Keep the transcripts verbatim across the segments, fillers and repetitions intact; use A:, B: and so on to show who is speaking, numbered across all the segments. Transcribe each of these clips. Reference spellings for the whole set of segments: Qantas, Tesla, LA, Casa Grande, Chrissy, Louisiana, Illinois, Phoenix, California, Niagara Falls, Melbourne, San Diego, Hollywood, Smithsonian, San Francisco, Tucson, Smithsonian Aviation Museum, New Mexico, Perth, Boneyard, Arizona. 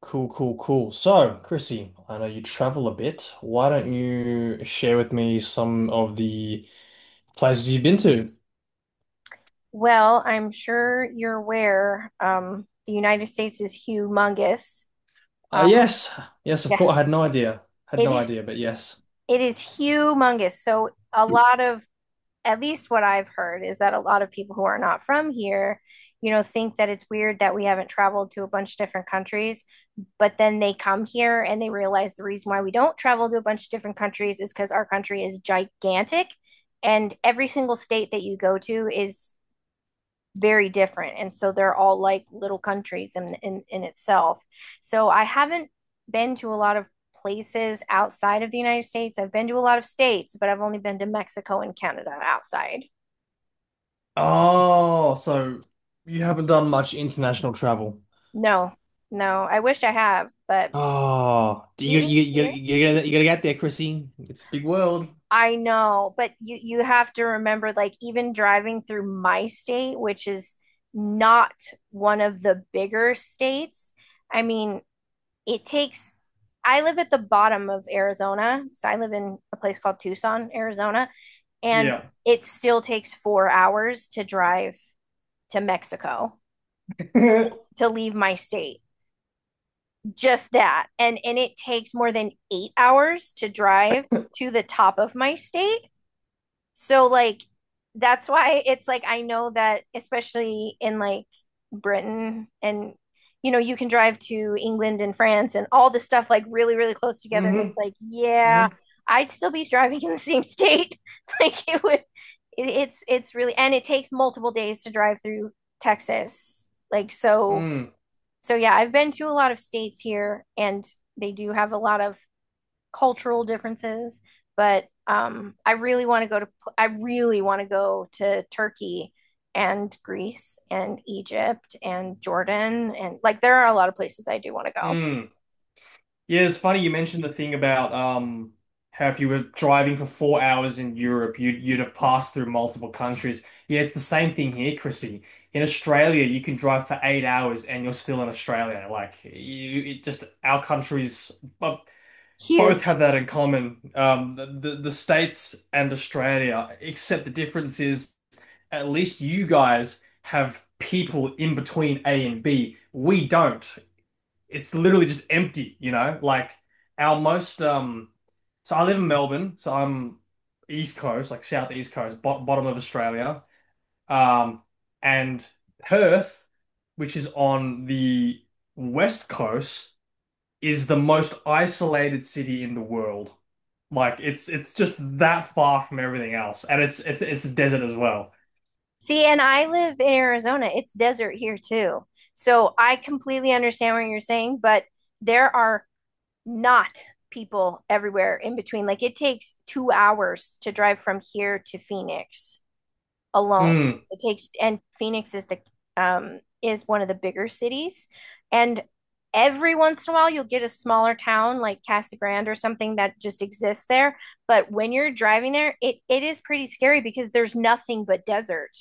A: Cool, cool, cool. So, Chrissy, I know you travel a bit. Why don't you share with me some of the places you've been to?
B: Well, I'm sure you're aware, um, the United States is humongous.
A: Uh,
B: Um,
A: yes, yes, of
B: yeah,
A: course. I had no idea. Had
B: it
A: no
B: is,
A: idea, but yes.
B: it is humongous. So a lot of, at least what I've heard is that a lot of people who are not from here, you know, think that it's weird that we haven't traveled to a bunch of different countries, but then they come here and they realize the reason why we don't travel to a bunch of different countries is because our country is gigantic. And every single state that you go to is very different, and so they're all like little countries in, in in itself. So I haven't been to a lot of places outside of the United States. I've been to a lot of states, but I've only been to Mexico and Canada outside.
A: Oh, so you haven't done much international travel.
B: No. No, I wish I have, but
A: Oh, do you
B: even
A: you you
B: here,
A: you gotta you gotta get there, Chrissy. It's a big world.
B: I know, but you you have to remember, like even driving through my state, which is not one of the bigger states, I mean, it takes, I live at the bottom of Arizona. So I live in a place called Tucson, Arizona, and
A: Yeah.
B: it still takes four hours to drive to Mexico to leave my state. Just that. And and it takes more than eight hours to drive to the top of my state. So like that's why it's like, I know that especially in like Britain and, you know, you can drive to England and France and all this stuff like really, really close together, and
A: Mm-hmm.
B: it's like, yeah,
A: Mm-hmm.
B: I'd still be driving in the same state like it would, it, it's it's really, and it takes multiple days to drive through Texas, like so.
A: Mm.
B: So yeah, I've been to a lot of states here, and they do have a lot of cultural differences, but um, I really want to go to I really want to go to Turkey and Greece and Egypt and Jordan, and like there are a lot of places I do want to go.
A: Mm. Yeah, it's funny you mentioned the thing about um how if you were driving for four hours in Europe, you'd you'd have passed through multiple countries. Yeah, it's the same thing here, Chrissy. In Australia, you can drive for eight hours and you're still in Australia. Like you, it just our countries bo- both
B: Huge.
A: have that in common. Um, the, the the States and Australia, except the difference is at least you guys have people in between A and B. We don't, it's literally just empty, you know? Like our most um so I live in Melbourne, so I'm East Coast, like South East Coast, bot bottom of Australia. Um and Perth, which is on the West Coast, is the most isolated city in the world. Like it's it's just that far from everything else. And it's it's it's a desert as well.
B: See, and I live in Arizona. It's desert here too. So I completely understand what you're saying, but there are not people everywhere in between. Like it takes two hours to drive from here to Phoenix alone.
A: Mm.
B: It takes, and Phoenix is the, um is one of the bigger cities, and every once in a while you'll get a smaller town like Casa Grande or something that just exists there, but when you're driving there, it it is pretty scary because there's nothing but desert.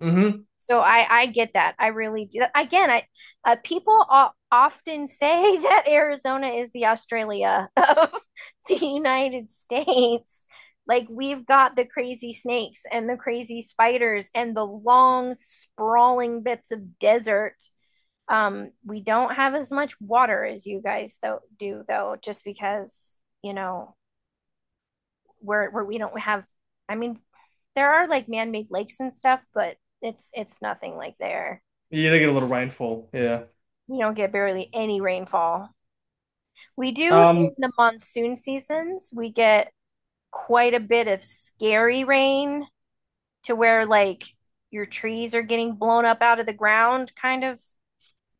A: Mm-hmm.
B: So I I get that. I really do. Again, I, uh, people o- often say that Arizona is the Australia of the United States. Like we've got the crazy snakes and the crazy spiders and the long sprawling bits of desert. Um, we don't have as much water as you guys though do though, just because, you know, we're, we're we don't have, I mean, there are like man-made lakes and stuff, but it's it's nothing like there.
A: Yeah, they get a little rainfall. Yeah.
B: We don't get barely any rainfall. We do in
A: Um,
B: the monsoon seasons, we get quite a bit of scary rain to where like your trees are getting blown up out of the ground kind of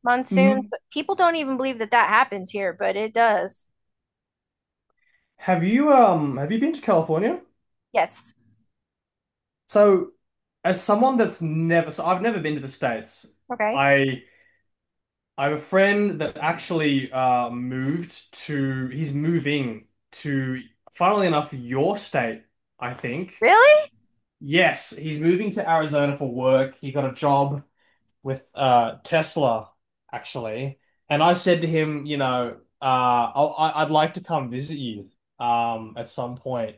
B: monsoon.
A: mhm.
B: But people don't even believe that that happens here, but it does.
A: Have you um have you been to California?
B: Yes.
A: So, as someone that's never, so I've never been to the States.
B: Okay.
A: I I have a friend that actually uh, moved to, he's moving to, funnily enough, your state, I think.
B: Really?
A: Yes, he's moving to Arizona for work. He got a job with uh, Tesla, actually. And I said to him, you know, uh, I'll, I- I'd like to come visit you um, at some point.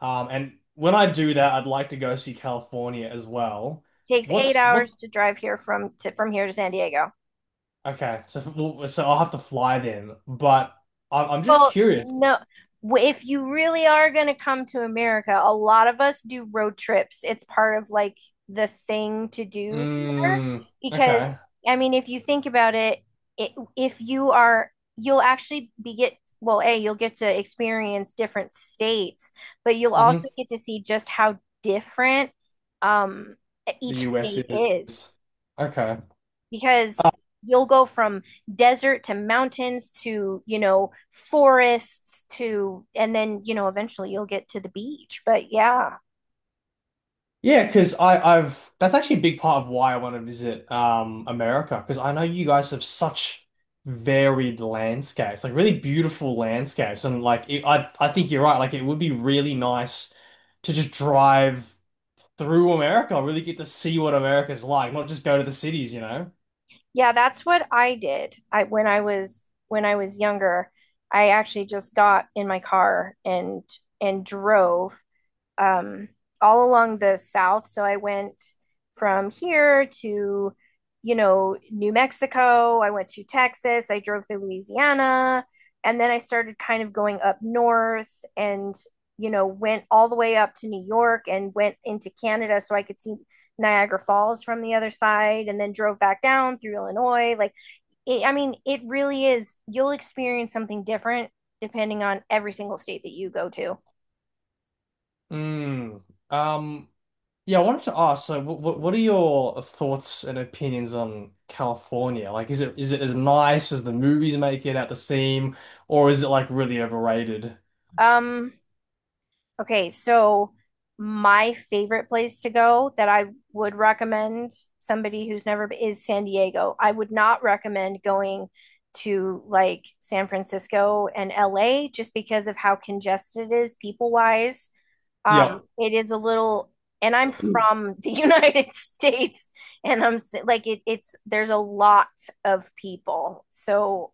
A: Um, and when I do that, I'd like to go see California as well.
B: Takes eight
A: What's what?
B: hours to drive here from to from here to San Diego.
A: Okay, so well, so I'll have to fly then. But I'm I'm just
B: Well,
A: curious.
B: no. w- If you really are going to come to America, a lot of us do road trips. It's part of like the thing to do here
A: Mm,
B: because,
A: okay.
B: I mean, if you think about it, it if you are, you'll actually be get well, A, you'll get to experience different states, but you'll also
A: Hmm.
B: get to see just how different, um each
A: The U S
B: state
A: is
B: is,
A: okay.
B: because
A: Uh,
B: you'll go from desert to mountains to, you know, forests to, and then, you know, eventually you'll get to the beach. But yeah,
A: Yeah, because I I've that's actually a big part of why I want to visit um America because I know you guys have such varied landscapes, like really beautiful landscapes, and like it, I I think you're right. Like it would be really nice to just drive through America. I really get to see what America's like, not just go to the cities, you know?
B: yeah, that's what I did. I when I was when I was younger, I actually just got in my car and and drove, um, all along the south. So I went from here to, you know, New Mexico. I went to Texas. I drove through Louisiana. And then I started kind of going up north, and, you know, went all the way up to New York and went into Canada so I could see Niagara Falls from the other side, and then drove back down through Illinois. Like, it, I mean, it really is, you'll experience something different depending on every single state that you go to.
A: Mm. Um, yeah, I wanted to ask, so what what what are your thoughts and opinions on California? Like, is it is it as nice as the movies make it out to seem, or is it like really overrated?
B: Um, Okay, so my favorite place to go that I would recommend somebody who's never b- is San Diego. I would not recommend going to like San Francisco and L A just because of how congested it is people wise.
A: Yep.
B: Um, it is a little, and I'm from the United States, and I'm s- like it, it's there's a lot of people. So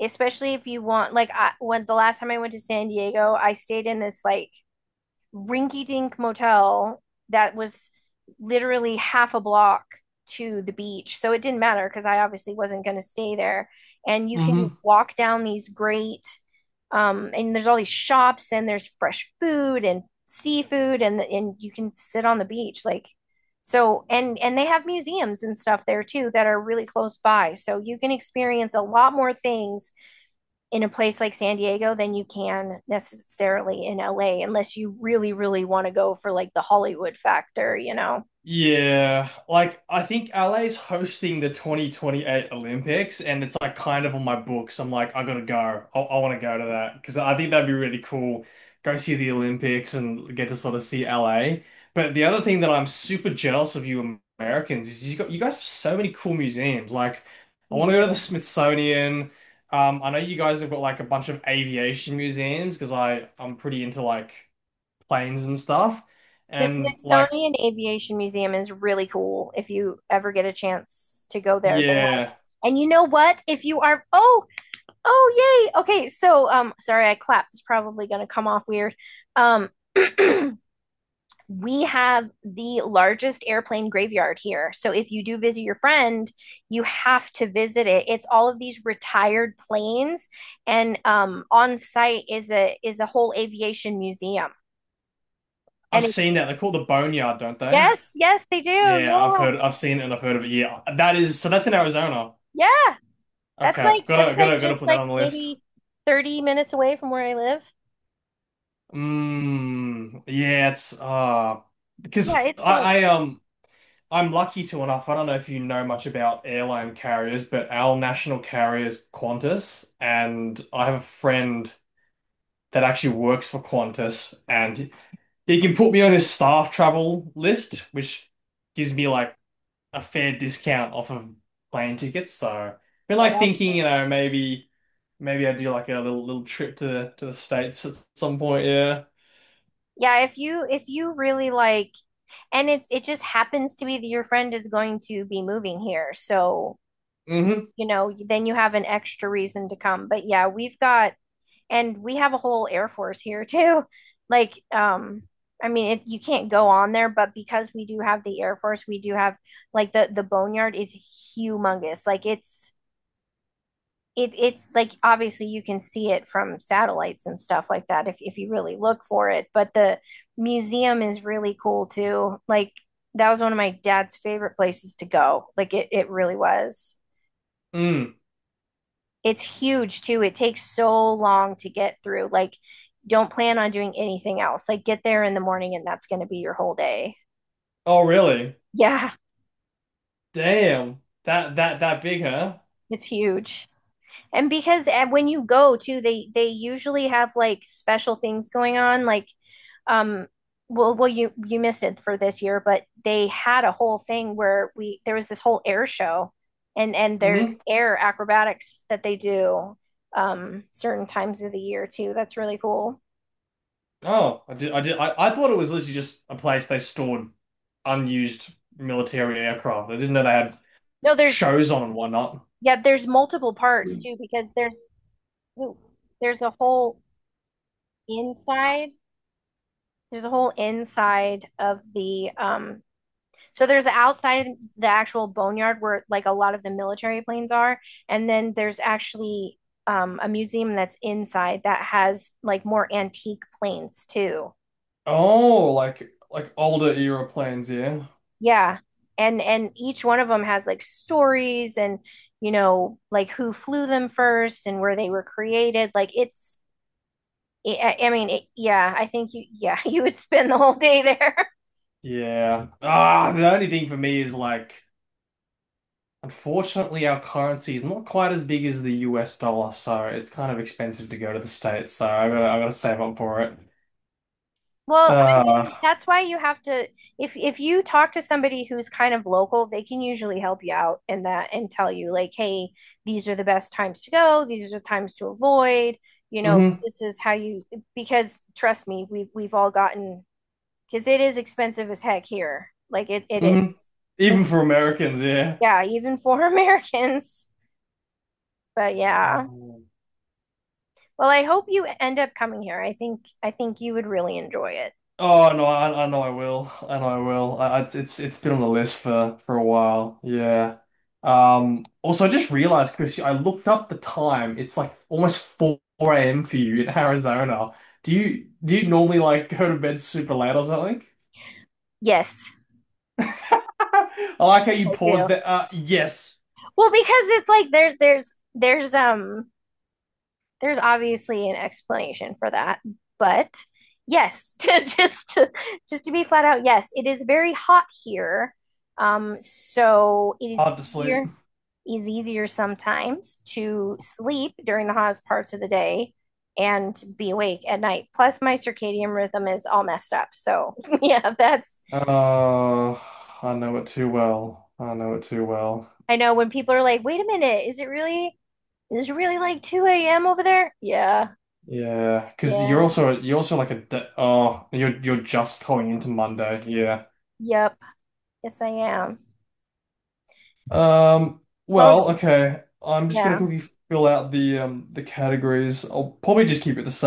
B: especially if you want, like I, when the last time I went to San Diego, I stayed in this like rinky dink motel that was literally half a block to the beach. So it didn't matter because I obviously wasn't going to stay there. And you can
A: Hmm.
B: walk down these great, um, and there's all these shops and there's fresh food and seafood, and and you can sit on the beach like, so and and they have museums and stuff there too that are really close by. So you can experience a lot more things in a place like San Diego than you can necessarily in L A, unless you really, really want to go for like the Hollywood factor, you know?
A: Yeah, like I think L A's hosting the twenty twenty-eight Olympics, and it's like kind of on my books. I'm like, I gotta go. I, I want to go to that because I think that'd be really cool. Go see the Olympics and get to sort of see L A. But the other thing that I'm super jealous of you Americans is you got you guys have so many cool museums. Like, I want to go to the Smithsonian. Um, I know you guys have got like a bunch of aviation museums because I I'm pretty into like planes and stuff,
B: The
A: and like.
B: Smithsonian Aviation Museum is really cool if you ever get a chance to go there. They have,
A: Yeah.
B: and you know what? If you are, oh, oh, yay. Okay, so, um, sorry, I clapped. It's probably going to come off weird. Um, we have the largest airplane graveyard here. So if you do visit your friend, you have to visit it. It's all of these retired planes, and um, on site is a is a whole aviation museum. And
A: I've
B: it,
A: seen that. They call it the Boneyard, don't they?
B: yes, yes, they do.
A: Yeah, I've
B: Yeah,
A: heard, I've seen it and I've heard of it. Yeah, that is so. That's in Arizona.
B: yeah. That's
A: Okay,
B: like
A: gotta,
B: that's like
A: gotta, gotta
B: just
A: put that
B: like
A: on the list.
B: maybe thirty minutes away from where I live.
A: Mm, yeah, it's uh,
B: Yeah,
A: because
B: it's
A: I,
B: close.
A: I um, I'm lucky to enough. I don't know if you know much about airline carriers, but our national carrier is Qantas, and I have a friend that actually works for Qantas, and he can put me on his staff travel list, which gives me like a fair discount off of plane tickets. So, I've been
B: Yeah,
A: like
B: that's
A: thinking, you
B: good.
A: know, maybe maybe I do like a little little trip to to the States at some point. Yeah.
B: Yeah, if you if you really like, and it's, it just happens to be that your friend is going to be moving here. So
A: Mm-hmm.
B: you know, then you have an extra reason to come. But yeah, we've got, and we have a whole Air Force here too. Like, um, I mean, it, you can't go on there, but because we do have the Air Force, we do have like the the boneyard is humongous. Like it's, it it's like obviously you can see it from satellites and stuff like that if if you really look for it. But the museum is really cool too. Like that was one of my dad's favorite places to go. Like it it really was.
A: Mm.
B: It's huge too. It takes so long to get through. Like, don't plan on doing anything else. Like, get there in the morning and that's going to be your whole day.
A: Oh, really?
B: Yeah,
A: Damn. That that that big, huh?
B: it's huge. And because uh, when you go too, they they usually have like special things going on. Like, um, well, well, you you missed it for this year, but they had a whole thing where we there was this whole air show, and and there's
A: Mm-hmm.
B: air acrobatics that they do um certain times of the year too. That's really cool.
A: Oh, I did. I did. I, I thought it was literally just a place they stored unused military aircraft. I didn't know they had
B: No, there's,
A: shows on and whatnot.
B: yeah, there's multiple parts too because there's, ooh, there's a whole inside. There's a whole inside of the um so there's the outside of the actual boneyard where like a lot of the military planes are, and then there's actually um a museum that's inside that has like more antique planes too.
A: Oh, like like older era planes, yeah.
B: Yeah. And and each one of them has like stories and, you know, like who flew them first and where they were created. Like it's, I I mean, it, yeah, I think you, yeah, you would spend the whole day there.
A: Yeah. Ah, the only thing for me is like, unfortunately, our currency is not quite as big as the U S dollar, so it's kind of expensive to go to the States, so I gotta I gotta save up for it.
B: Well, I
A: Uh,
B: mean, that's why you have to, if if you talk to somebody who's kind of local, they can usually help you out in that and tell you like, hey, these are the best times to go, these are the times to avoid, you know,
A: hmm.
B: this is how you, because trust me, we've we've all gotten, because it is expensive as heck here. Like it it
A: Hmm.
B: is. Like,
A: Even for Americans, yeah.
B: yeah, even for Americans. But yeah.
A: Um,
B: Well, I hope you end up coming here. I think I think you would really enjoy it.
A: oh no, I, I know I will. I know I will. I, I- it's it's been on the list for for a while. Yeah. Um. Also, I just realized, Chris, I looked up the time. It's like almost four a m for you in Arizona. Do you do you normally like go to bed super late or something?
B: Yes.
A: I like how you
B: I
A: paused
B: do.
A: that. Uh, yes,
B: Well, because it's like there there's there's um there's obviously an explanation for that, but yes, to, just to, just to be flat out, yes, it is very hot here. Um, so it is
A: hard to sleep.
B: easier is easier sometimes to sleep during the hottest parts of the day and be awake at night. Plus, my circadian rhythm is all messed up. So yeah, that's,
A: Uh, I know it too well. I know it too well.
B: I know when people are like, "Wait a minute, is it really is it really like two a m over there?" Yeah,
A: Yeah, because you're
B: yeah,
A: also you're also like a de oh you're you're just going into Monday. Yeah.
B: yep. Yes, I am.
A: Um.
B: Well,
A: Well, okay. I'm just gonna
B: yeah.
A: quickly fill out the um the categories. I'll probably just keep it the same.